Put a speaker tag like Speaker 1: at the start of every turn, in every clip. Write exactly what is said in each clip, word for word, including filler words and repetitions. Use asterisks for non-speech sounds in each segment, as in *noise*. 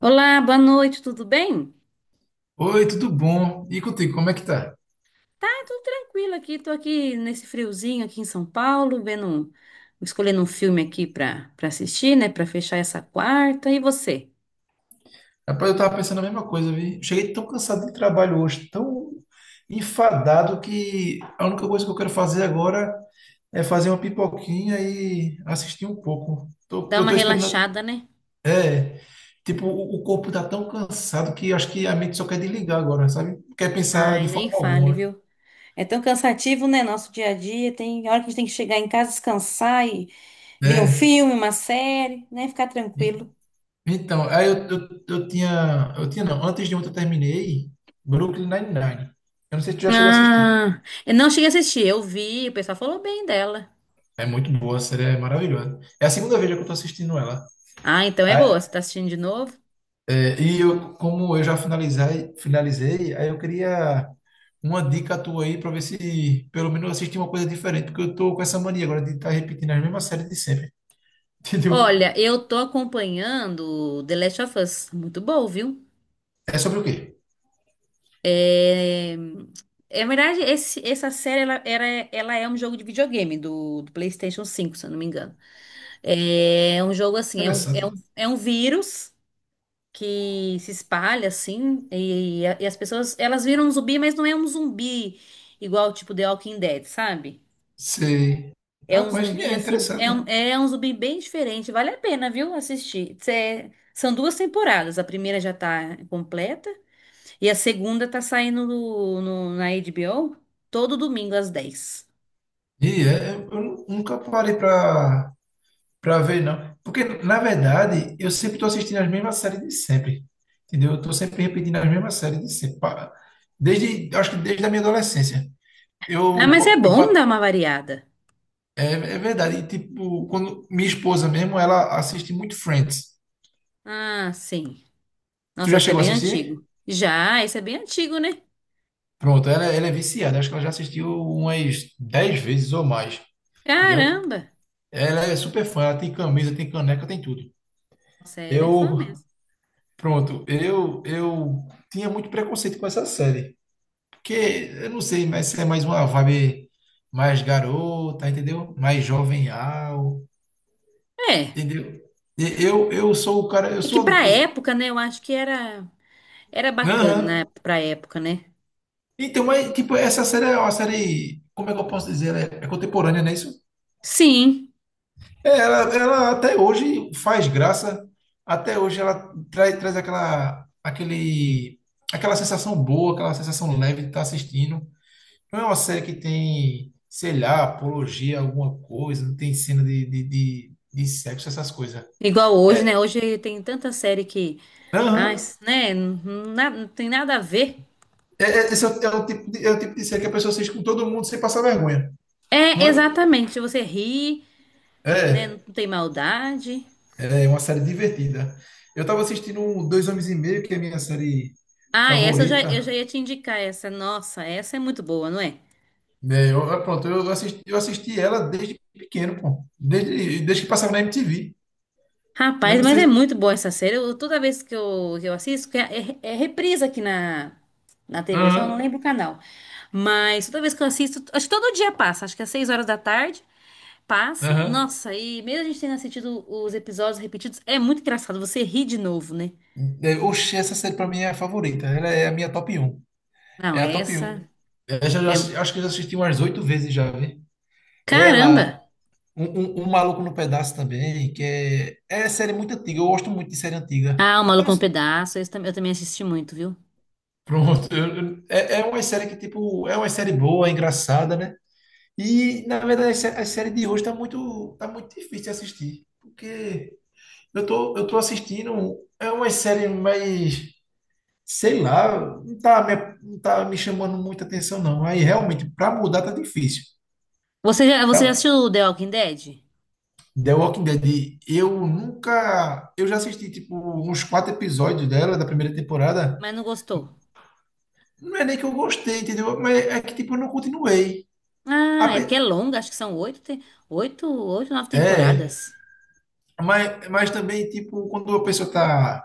Speaker 1: Olá, boa noite, tudo bem?
Speaker 2: Oi, tudo bom? E contigo, como é que tá?
Speaker 1: Tá, tudo tranquilo aqui. Tô aqui nesse friozinho aqui em São Paulo, vendo, um- escolhendo um filme aqui pra para assistir, né, pra fechar essa quarta. E você?
Speaker 2: Rapaz, eu tava pensando a mesma coisa, vi. Cheguei tão cansado de trabalho hoje, tão enfadado que a única coisa que eu quero fazer agora é fazer uma pipoquinha e assistir um pouco. Tô-
Speaker 1: Dá
Speaker 2: eu
Speaker 1: uma
Speaker 2: tô esperando,
Speaker 1: relaxada, né?
Speaker 2: tipo, o, o corpo tá tão cansado que acho que a mente só quer desligar agora, sabe? Não quer pensar
Speaker 1: Ai,
Speaker 2: de forma
Speaker 1: nem fale,
Speaker 2: alguma.
Speaker 1: viu? É tão cansativo, né, nosso dia a dia. Tem hora que a gente tem que chegar em casa, descansar e ver um
Speaker 2: É.
Speaker 1: filme, uma série, né, ficar
Speaker 2: en-
Speaker 1: tranquilo.
Speaker 2: Então, aí eu, eu, eu tinha, eu tinha não, antes de ontem eu terminei Brooklyn Nine-Nine. Eu não sei se tu já chegou a assistir.
Speaker 1: Ah, eu não cheguei a assistir, eu vi, o pessoal falou bem dela.
Speaker 2: É muito boa, a série é maravilhosa. É a segunda vez já que eu tô assistindo ela.
Speaker 1: Ah, então é boa.
Speaker 2: Ah,
Speaker 1: Você tá assistindo de novo?
Speaker 2: é, e eu, como eu já finalizei, finalizei, aí eu queria uma dica tua aí para ver se pelo menos eu assisti uma coisa diferente, porque eu tô com essa mania agora de estar repetindo as mesmas séries de sempre, *laughs* entendeu?
Speaker 1: Olha, eu tô acompanhando The Last of Us. Muito bom, viu?
Speaker 2: É sobre o quê?
Speaker 1: É, é verdade, esse- essa série ela, era- ela é um jogo de videogame do, do PlayStation cinco, se eu não me engano. É um jogo assim, é um, é um,
Speaker 2: Interessante.
Speaker 1: é um vírus que se espalha assim e, e as pessoas elas viram um zumbi, mas não é um zumbi igual tipo The Walking Dead, sabe?
Speaker 2: Sei.
Speaker 1: É um
Speaker 2: Rapaz, que
Speaker 1: zumbi
Speaker 2: é
Speaker 1: assim,
Speaker 2: interessante,
Speaker 1: é
Speaker 2: né?
Speaker 1: um, é um zumbi bem diferente. Vale a pena, viu, assistir. Cê- é, são duas temporadas. A primeira já tá completa e a segunda tá saindo no, no- na HBO todo domingo às dez.
Speaker 2: E é, eu nu- nunca parei para Pra ver, não. Porque, na verdade, eu sempre tô assistindo as mesmas séries de sempre. Entendeu? Eu tô sempre repetindo as mesmas séries de sempre. Pa- Desde, acho que desde a minha adolescência.
Speaker 1: Ah,
Speaker 2: Eu,
Speaker 1: mas é
Speaker 2: po- eu,
Speaker 1: bom dar
Speaker 2: pa-
Speaker 1: uma variada.
Speaker 2: é, é verdade. E, tipo, quando minha esposa mesmo, ela assiste muito Friends.
Speaker 1: Ah, sim.
Speaker 2: Tu
Speaker 1: Nossa,
Speaker 2: já
Speaker 1: esse é
Speaker 2: chegou a
Speaker 1: bem
Speaker 2: assistir?
Speaker 1: antigo. Já, esse é bem antigo, né?
Speaker 2: Pronto, ela, ela é viciada. Acho que ela já assistiu umas dez vezes ou mais. Entendeu?
Speaker 1: Caramba.
Speaker 2: Ela é super fã. Ela tem camisa, tem caneca, tem tudo.
Speaker 1: Nossa, ela é fã
Speaker 2: Eu,
Speaker 1: mesmo.
Speaker 2: pronto, eu, eu tinha muito preconceito com essa série. Porque, eu não sei, mas é mais uma vibe mais garota, entendeu? Mais jovenhal,
Speaker 1: É,
Speaker 2: entendeu? E Eu, eu sou o cara, eu
Speaker 1: é que
Speaker 2: sou.
Speaker 1: pra
Speaker 2: Eu,
Speaker 1: época, né, eu acho que era era bacana, né,
Speaker 2: Aham.
Speaker 1: pra época, né?
Speaker 2: Então, mas, tipo, essa série é uma série. Como é que eu posso dizer? Ela É, é contemporânea, não é isso?
Speaker 1: Sim.
Speaker 2: É, ela, ela até hoje faz graça, até hoje ela traz, traz aquela, aquele, aquela sensação boa, aquela sensação leve de estar assistindo. Não é uma série que tem, sei lá, apologia, a alguma coisa, não tem cena de, de, de, de sexo, essas coisas.
Speaker 1: Igual hoje, né?
Speaker 2: É,
Speaker 1: Hoje tem tanta série que, ah,
Speaker 2: aham.
Speaker 1: isso, né? Não, na- não tem nada a ver.
Speaker 2: É, é- esse é o, é o tipo de, é o tipo de série que a pessoa assiste com todo mundo sem passar vergonha,
Speaker 1: É,
Speaker 2: não é?
Speaker 1: exatamente. Você ri, né? Não
Speaker 2: É,
Speaker 1: tem maldade.
Speaker 2: é uma série divertida. Eu estava assistindo um Dois Homens e Meio, que é a minha série
Speaker 1: Ah, essa eu já, eu já
Speaker 2: favorita.
Speaker 1: ia te indicar essa. Nossa, essa é muito boa, não é?
Speaker 2: Né? eu, eu- pronto, eu assisti, eu assisti ela desde pequeno, pô. Desde, desde que passava na M T V. Eu
Speaker 1: Rapaz,
Speaker 2: não
Speaker 1: mas
Speaker 2: sei
Speaker 1: é
Speaker 2: se...
Speaker 1: muito boa essa série. Eu- toda vez que eu, que eu assisto, que é, é, é reprise aqui na, na tê vê, só
Speaker 2: Aham,
Speaker 1: eu não lembro o canal. Mas toda vez que eu assisto, acho que todo dia passa, acho que às seis horas da tarde passa.
Speaker 2: aham.
Speaker 1: Nossa, e mesmo a gente tendo assistido os episódios repetidos, é muito engraçado. Você ri de novo, né?
Speaker 2: É, Oxi, essa série pra mim é a favorita. Ela é a minha top um.
Speaker 1: Não,
Speaker 2: É a top um
Speaker 1: essa
Speaker 2: eu já- já
Speaker 1: é. Um.
Speaker 2: assi- acho que eu já assisti umas oito vezes já, vi. Ela,
Speaker 1: Caramba!
Speaker 2: um, um, um Maluco no Pedaço também, que é, é série muito antiga. Eu gosto muito de série antiga.
Speaker 1: Ah, O
Speaker 2: Eu
Speaker 1: Maluco
Speaker 2: não,
Speaker 1: no Pedaço. Esse tam- eu também assisti muito, viu?
Speaker 2: pronto. eu- eu- é, é uma série que, tipo, é uma série boa, é engraçada, né? E, na verdade, a sé- a série de hoje tá muito, tá muito difícil de assistir. Porque eu tô, eu tô assistindo. É uma série mais. Sei lá, não tá me, não tá me chamando muita atenção, não. Aí realmente, para mudar tá difícil.
Speaker 1: Você já, você já
Speaker 2: Pra
Speaker 1: assistiu The Walking Dead?
Speaker 2: The Walking Dead, eu nunca. Eu já assisti tipo uns quatro episódios dela, da primeira temporada.
Speaker 1: Mas não gostou?
Speaker 2: Não é nem que eu gostei, entendeu? Mas é que tipo, eu não continuei. A
Speaker 1: Ah, é porque é
Speaker 2: pe-
Speaker 1: longa, acho que são oito, te- oito, oito, nove
Speaker 2: É,
Speaker 1: temporadas.
Speaker 2: mas, mas também, tipo, quando a pessoa tá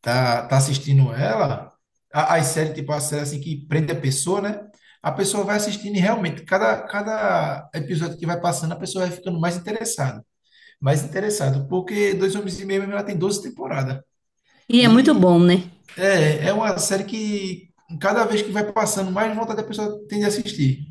Speaker 2: tá, tá assistindo ela, a- as séries, tipo, a série assim que prende a pessoa, né? A pessoa vai assistindo e realmente, cada, cada episódio que vai passando, a pessoa vai ficando mais interessada. Mais interessado, porque Dois Homens e Meio, ela tem doze temporadas.
Speaker 1: E é muito bom,
Speaker 2: E
Speaker 1: né?
Speaker 2: é, é uma série que, cada vez que vai passando, mais vontade a pessoa tem de assistir.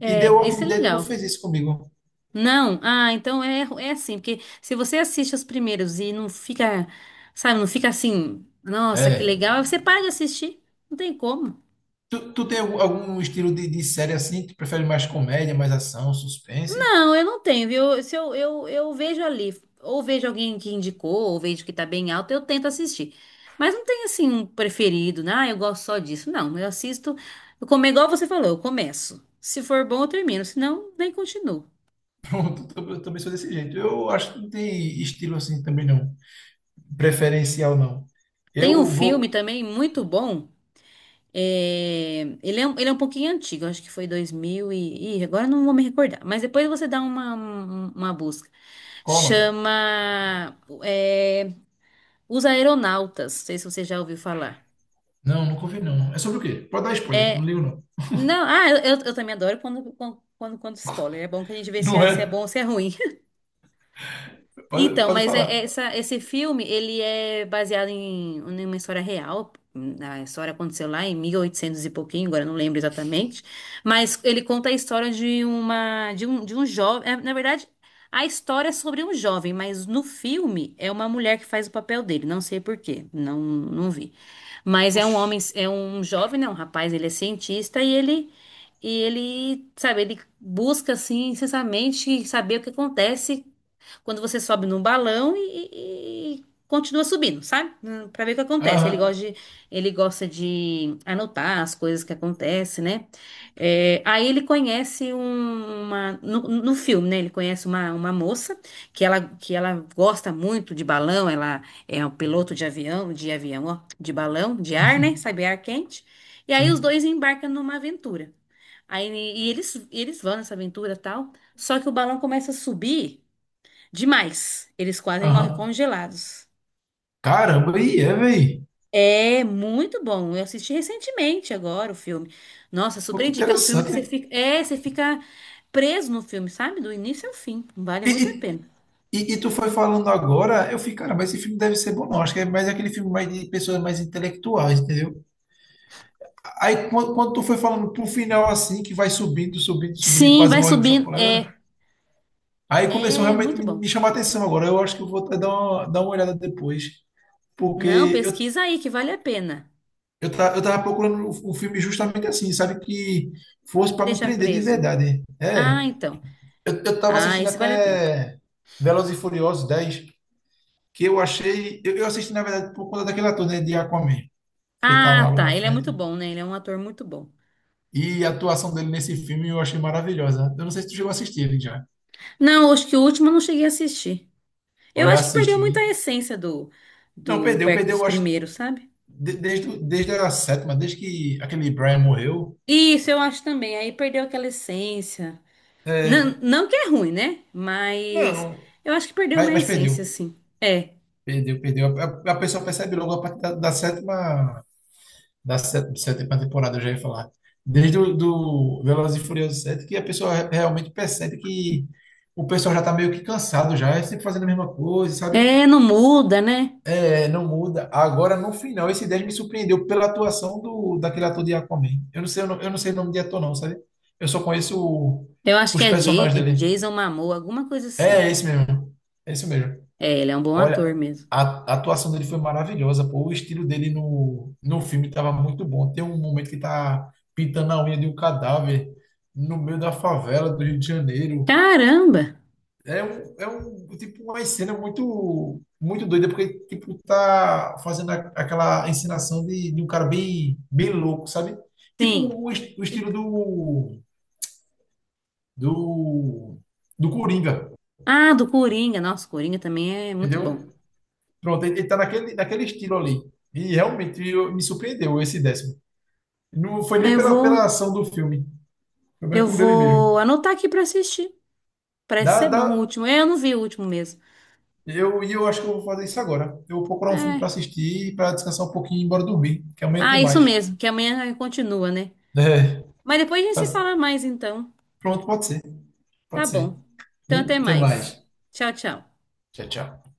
Speaker 1: É,
Speaker 2: E The
Speaker 1: isso é
Speaker 2: Walking Dead não
Speaker 1: legal.
Speaker 2: fez isso comigo.
Speaker 1: Não, ah, então é, é assim, porque se você assiste os primeiros e não fica, sabe, não fica assim, nossa, que
Speaker 2: É.
Speaker 1: legal, você para de assistir, não tem como.
Speaker 2: Tu, tu tem algum, algum estilo de, de série assim? Tu prefere mais comédia, mais ação, suspense?
Speaker 1: Não, eu não tenho, viu? Se eu, eu, eu vejo ali, ou vejo alguém que indicou, ou vejo que tá bem alto, eu tento assistir. Mas não tem assim um preferido, né? Ah, eu gosto só disso. Não, eu assisto, eu como igual você falou, eu começo. Se for bom, eu termino, se não, nem continuo.
Speaker 2: Pronto, eu também sou desse jeito. Eu acho que não tem estilo assim também não. Preferencial não.
Speaker 1: Tem um
Speaker 2: Eu
Speaker 1: filme
Speaker 2: vou.
Speaker 1: também muito bom. É, ele é, um- ele é um pouquinho antigo, acho que foi dois mil e, ih, agora eu não vou me recordar, mas depois você dá uma, um- uma busca.
Speaker 2: Qual o nome?
Speaker 1: Chama, é, Os Aeronautas, não sei se você já ouviu falar.
Speaker 2: Não, nunca ouvi não. É sobre o quê? Pode dar spoiler, não
Speaker 1: É,
Speaker 2: ligo não.
Speaker 1: não, ah, eu, eu eu também adoro quando, quando, quando, quando spoiler, é bom que a gente vê se
Speaker 2: Não
Speaker 1: é, se é bom
Speaker 2: é?
Speaker 1: ou se é ruim.
Speaker 2: Pode,
Speaker 1: Então,
Speaker 2: pode
Speaker 1: mas é- é
Speaker 2: falar.
Speaker 1: essa, esse filme, ele é baseado em, em uma história real. A história aconteceu lá em mil e oitocentos e oitocentos e pouquinho, agora eu não lembro exatamente. Mas ele conta a história de uma, de um, de um jovem. É, na verdade, a história é sobre um jovem, mas no filme é uma mulher que faz o papel dele. Não sei por quê, não, não vi. Mas é um homem,
Speaker 2: Oxi.
Speaker 1: é um jovem, né? Um rapaz, ele é cientista e ele e ele, sabe, ele busca assim, incessantemente saber o que acontece quando você sobe no balão e, e- continua subindo, sabe? Hum, Pra ver o que acontece. Ele
Speaker 2: Aham.
Speaker 1: gosta de, ele gosta de anotar as coisas que acontecem, né? É, aí ele conhece um- uma no, no filme, né? Ele conhece uma, uma moça que ela, que ela gosta muito de balão. Ela é um piloto de avião, de avião, ó, de balão, de ar,
Speaker 2: *laughs*
Speaker 1: né? Sabe, ar quente. E aí os
Speaker 2: Sim.
Speaker 1: dois embarcam numa aventura. Aí, e eles, e eles vão nessa aventura e tal. Só que o balão começa a subir. Demais. Eles quase morrem
Speaker 2: Aham.
Speaker 1: congelados.
Speaker 2: Caramba, e é, velho.
Speaker 1: É muito bom. Eu assisti recentemente agora o filme. Nossa,
Speaker 2: Pô,
Speaker 1: super
Speaker 2: que
Speaker 1: indica. É um filme que
Speaker 2: interessante,
Speaker 1: você
Speaker 2: hein?
Speaker 1: fica, é, você fica preso no filme, sabe? Do início ao fim. Vale
Speaker 2: E,
Speaker 1: muito a
Speaker 2: e,
Speaker 1: pena.
Speaker 2: e, e tu foi falando agora, eu fiquei, cara, mas esse filme deve ser bom, não. Acho que é mais aquele filme mais de pessoas mais intelectuais, entendeu? Aí quando, quando tu foi falando pro final assim, que vai subindo, subindo, subindo e
Speaker 1: Sim,
Speaker 2: quase
Speaker 1: vai
Speaker 2: morre com
Speaker 1: subindo.
Speaker 2: chocolate, né?
Speaker 1: É,
Speaker 2: Aí começou
Speaker 1: é
Speaker 2: realmente a
Speaker 1: muito
Speaker 2: me,
Speaker 1: bom.
Speaker 2: me chamar a atenção agora. Eu acho que eu vou até dar uma, dar uma olhada depois,
Speaker 1: Não,
Speaker 2: porque eu,
Speaker 1: pesquisa aí que vale a pena.
Speaker 2: eu, ta- eu tava procurando um um filme justamente assim, sabe? Que fosse para me
Speaker 1: Deixa
Speaker 2: prender de
Speaker 1: preso.
Speaker 2: verdade. É,
Speaker 1: Ah, então.
Speaker 2: eu, eu tava
Speaker 1: Ah,
Speaker 2: assistindo
Speaker 1: esse vale a pena.
Speaker 2: até Velozes e Furiosos dez, que eu achei. Eu, eu assisti, na verdade, por conta daquele ator, né, de Aquaman, que ele tá lá
Speaker 1: Ah,
Speaker 2: na
Speaker 1: tá. Ele é muito
Speaker 2: frente.
Speaker 1: bom, né? Ele é um ator muito bom.
Speaker 2: E a atuação dele nesse filme eu achei maravilhosa. Eu não sei se tu chegou a assistir ele já.
Speaker 1: Não, acho que o último eu não cheguei a assistir. Eu
Speaker 2: Olha,
Speaker 1: acho que
Speaker 2: assiste,
Speaker 1: perdeu muito a
Speaker 2: viu?
Speaker 1: essência do,
Speaker 2: Não,
Speaker 1: do
Speaker 2: perdeu,
Speaker 1: perto
Speaker 2: perdeu,
Speaker 1: dos
Speaker 2: eu acho,
Speaker 1: primeiros, sabe?
Speaker 2: de- desde, desde a sétima, desde que aquele Brian morreu.
Speaker 1: Isso, eu acho também. Aí perdeu aquela essência. Não, não que é ruim, né? Mas
Speaker 2: Não,
Speaker 1: eu acho que perdeu
Speaker 2: mas,
Speaker 1: uma
Speaker 2: mas
Speaker 1: essência,
Speaker 2: perdeu,
Speaker 1: assim. É.
Speaker 2: perdeu, perdeu. A, a- a pessoa percebe logo a partir da, da sétima, da sé- sétima temporada, eu já ia falar. Desde o do Velozes e Furiosos sete que a pessoa re- realmente percebe que o pessoal já tá meio que cansado já, é sempre fazendo a mesma coisa, sabe?
Speaker 1: É, não muda, né?
Speaker 2: É, não muda. Agora, no final, esse dez me surpreendeu pela atuação do, daquele ator de Aquaman. Eu não sei, eu não, eu não sei o nome de ator, não, sabe? Eu só conheço o-
Speaker 1: Eu acho que
Speaker 2: os
Speaker 1: é Ja-
Speaker 2: personagens dele.
Speaker 1: Jason Momoa, alguma coisa
Speaker 2: É,
Speaker 1: assim.
Speaker 2: é esse mesmo. É esse mesmo.
Speaker 1: É, ele é um bom ator
Speaker 2: Olha,
Speaker 1: mesmo.
Speaker 2: a, a atuação dele foi maravilhosa, pô. O estilo dele no, no filme estava muito bom. Tem um momento que tá pintando a unha de um cadáver no meio da favela do Rio de Janeiro.
Speaker 1: Caramba!
Speaker 2: É um, é um tipo uma cena muito muito doida porque tipo tá fazendo a- aquela encenação de, de um cara bem bem louco, sabe? Tipo o,
Speaker 1: Sim.
Speaker 2: est- o estilo
Speaker 1: Tipo,
Speaker 2: do do do Coringa,
Speaker 1: ah, do Coringa. Nossa, Coringa também é muito
Speaker 2: entendeu?
Speaker 1: bom.
Speaker 2: Pronto, ele, ele tá naquele naquele estilo ali. E realmente eu- me surpreendeu esse décimo. Não foi
Speaker 1: Ah,
Speaker 2: nem
Speaker 1: eu
Speaker 2: pela
Speaker 1: vou,
Speaker 2: pela ação do filme, foi mais
Speaker 1: eu
Speaker 2: por ele mesmo.
Speaker 1: vou anotar aqui pra assistir. Parece
Speaker 2: Dá,
Speaker 1: ser
Speaker 2: dá,
Speaker 1: bom o último. É, eu não vi o último mesmo.
Speaker 2: eu e eu acho que eu vou fazer isso agora. Eu vou procurar um filme para
Speaker 1: É.
Speaker 2: assistir para descansar um pouquinho e ir embora dormir, que amanhã tem
Speaker 1: Ah, isso
Speaker 2: mais.
Speaker 1: mesmo, que amanhã continua, né?
Speaker 2: *laughs*
Speaker 1: Mas depois a gente se
Speaker 2: Faz-
Speaker 1: fala mais então.
Speaker 2: Pronto, pode ser,
Speaker 1: Tá
Speaker 2: pode ser.
Speaker 1: bom. Então
Speaker 2: E
Speaker 1: até
Speaker 2: até
Speaker 1: mais.
Speaker 2: mais.
Speaker 1: Tchau, tchau.
Speaker 2: Tchau, tchau.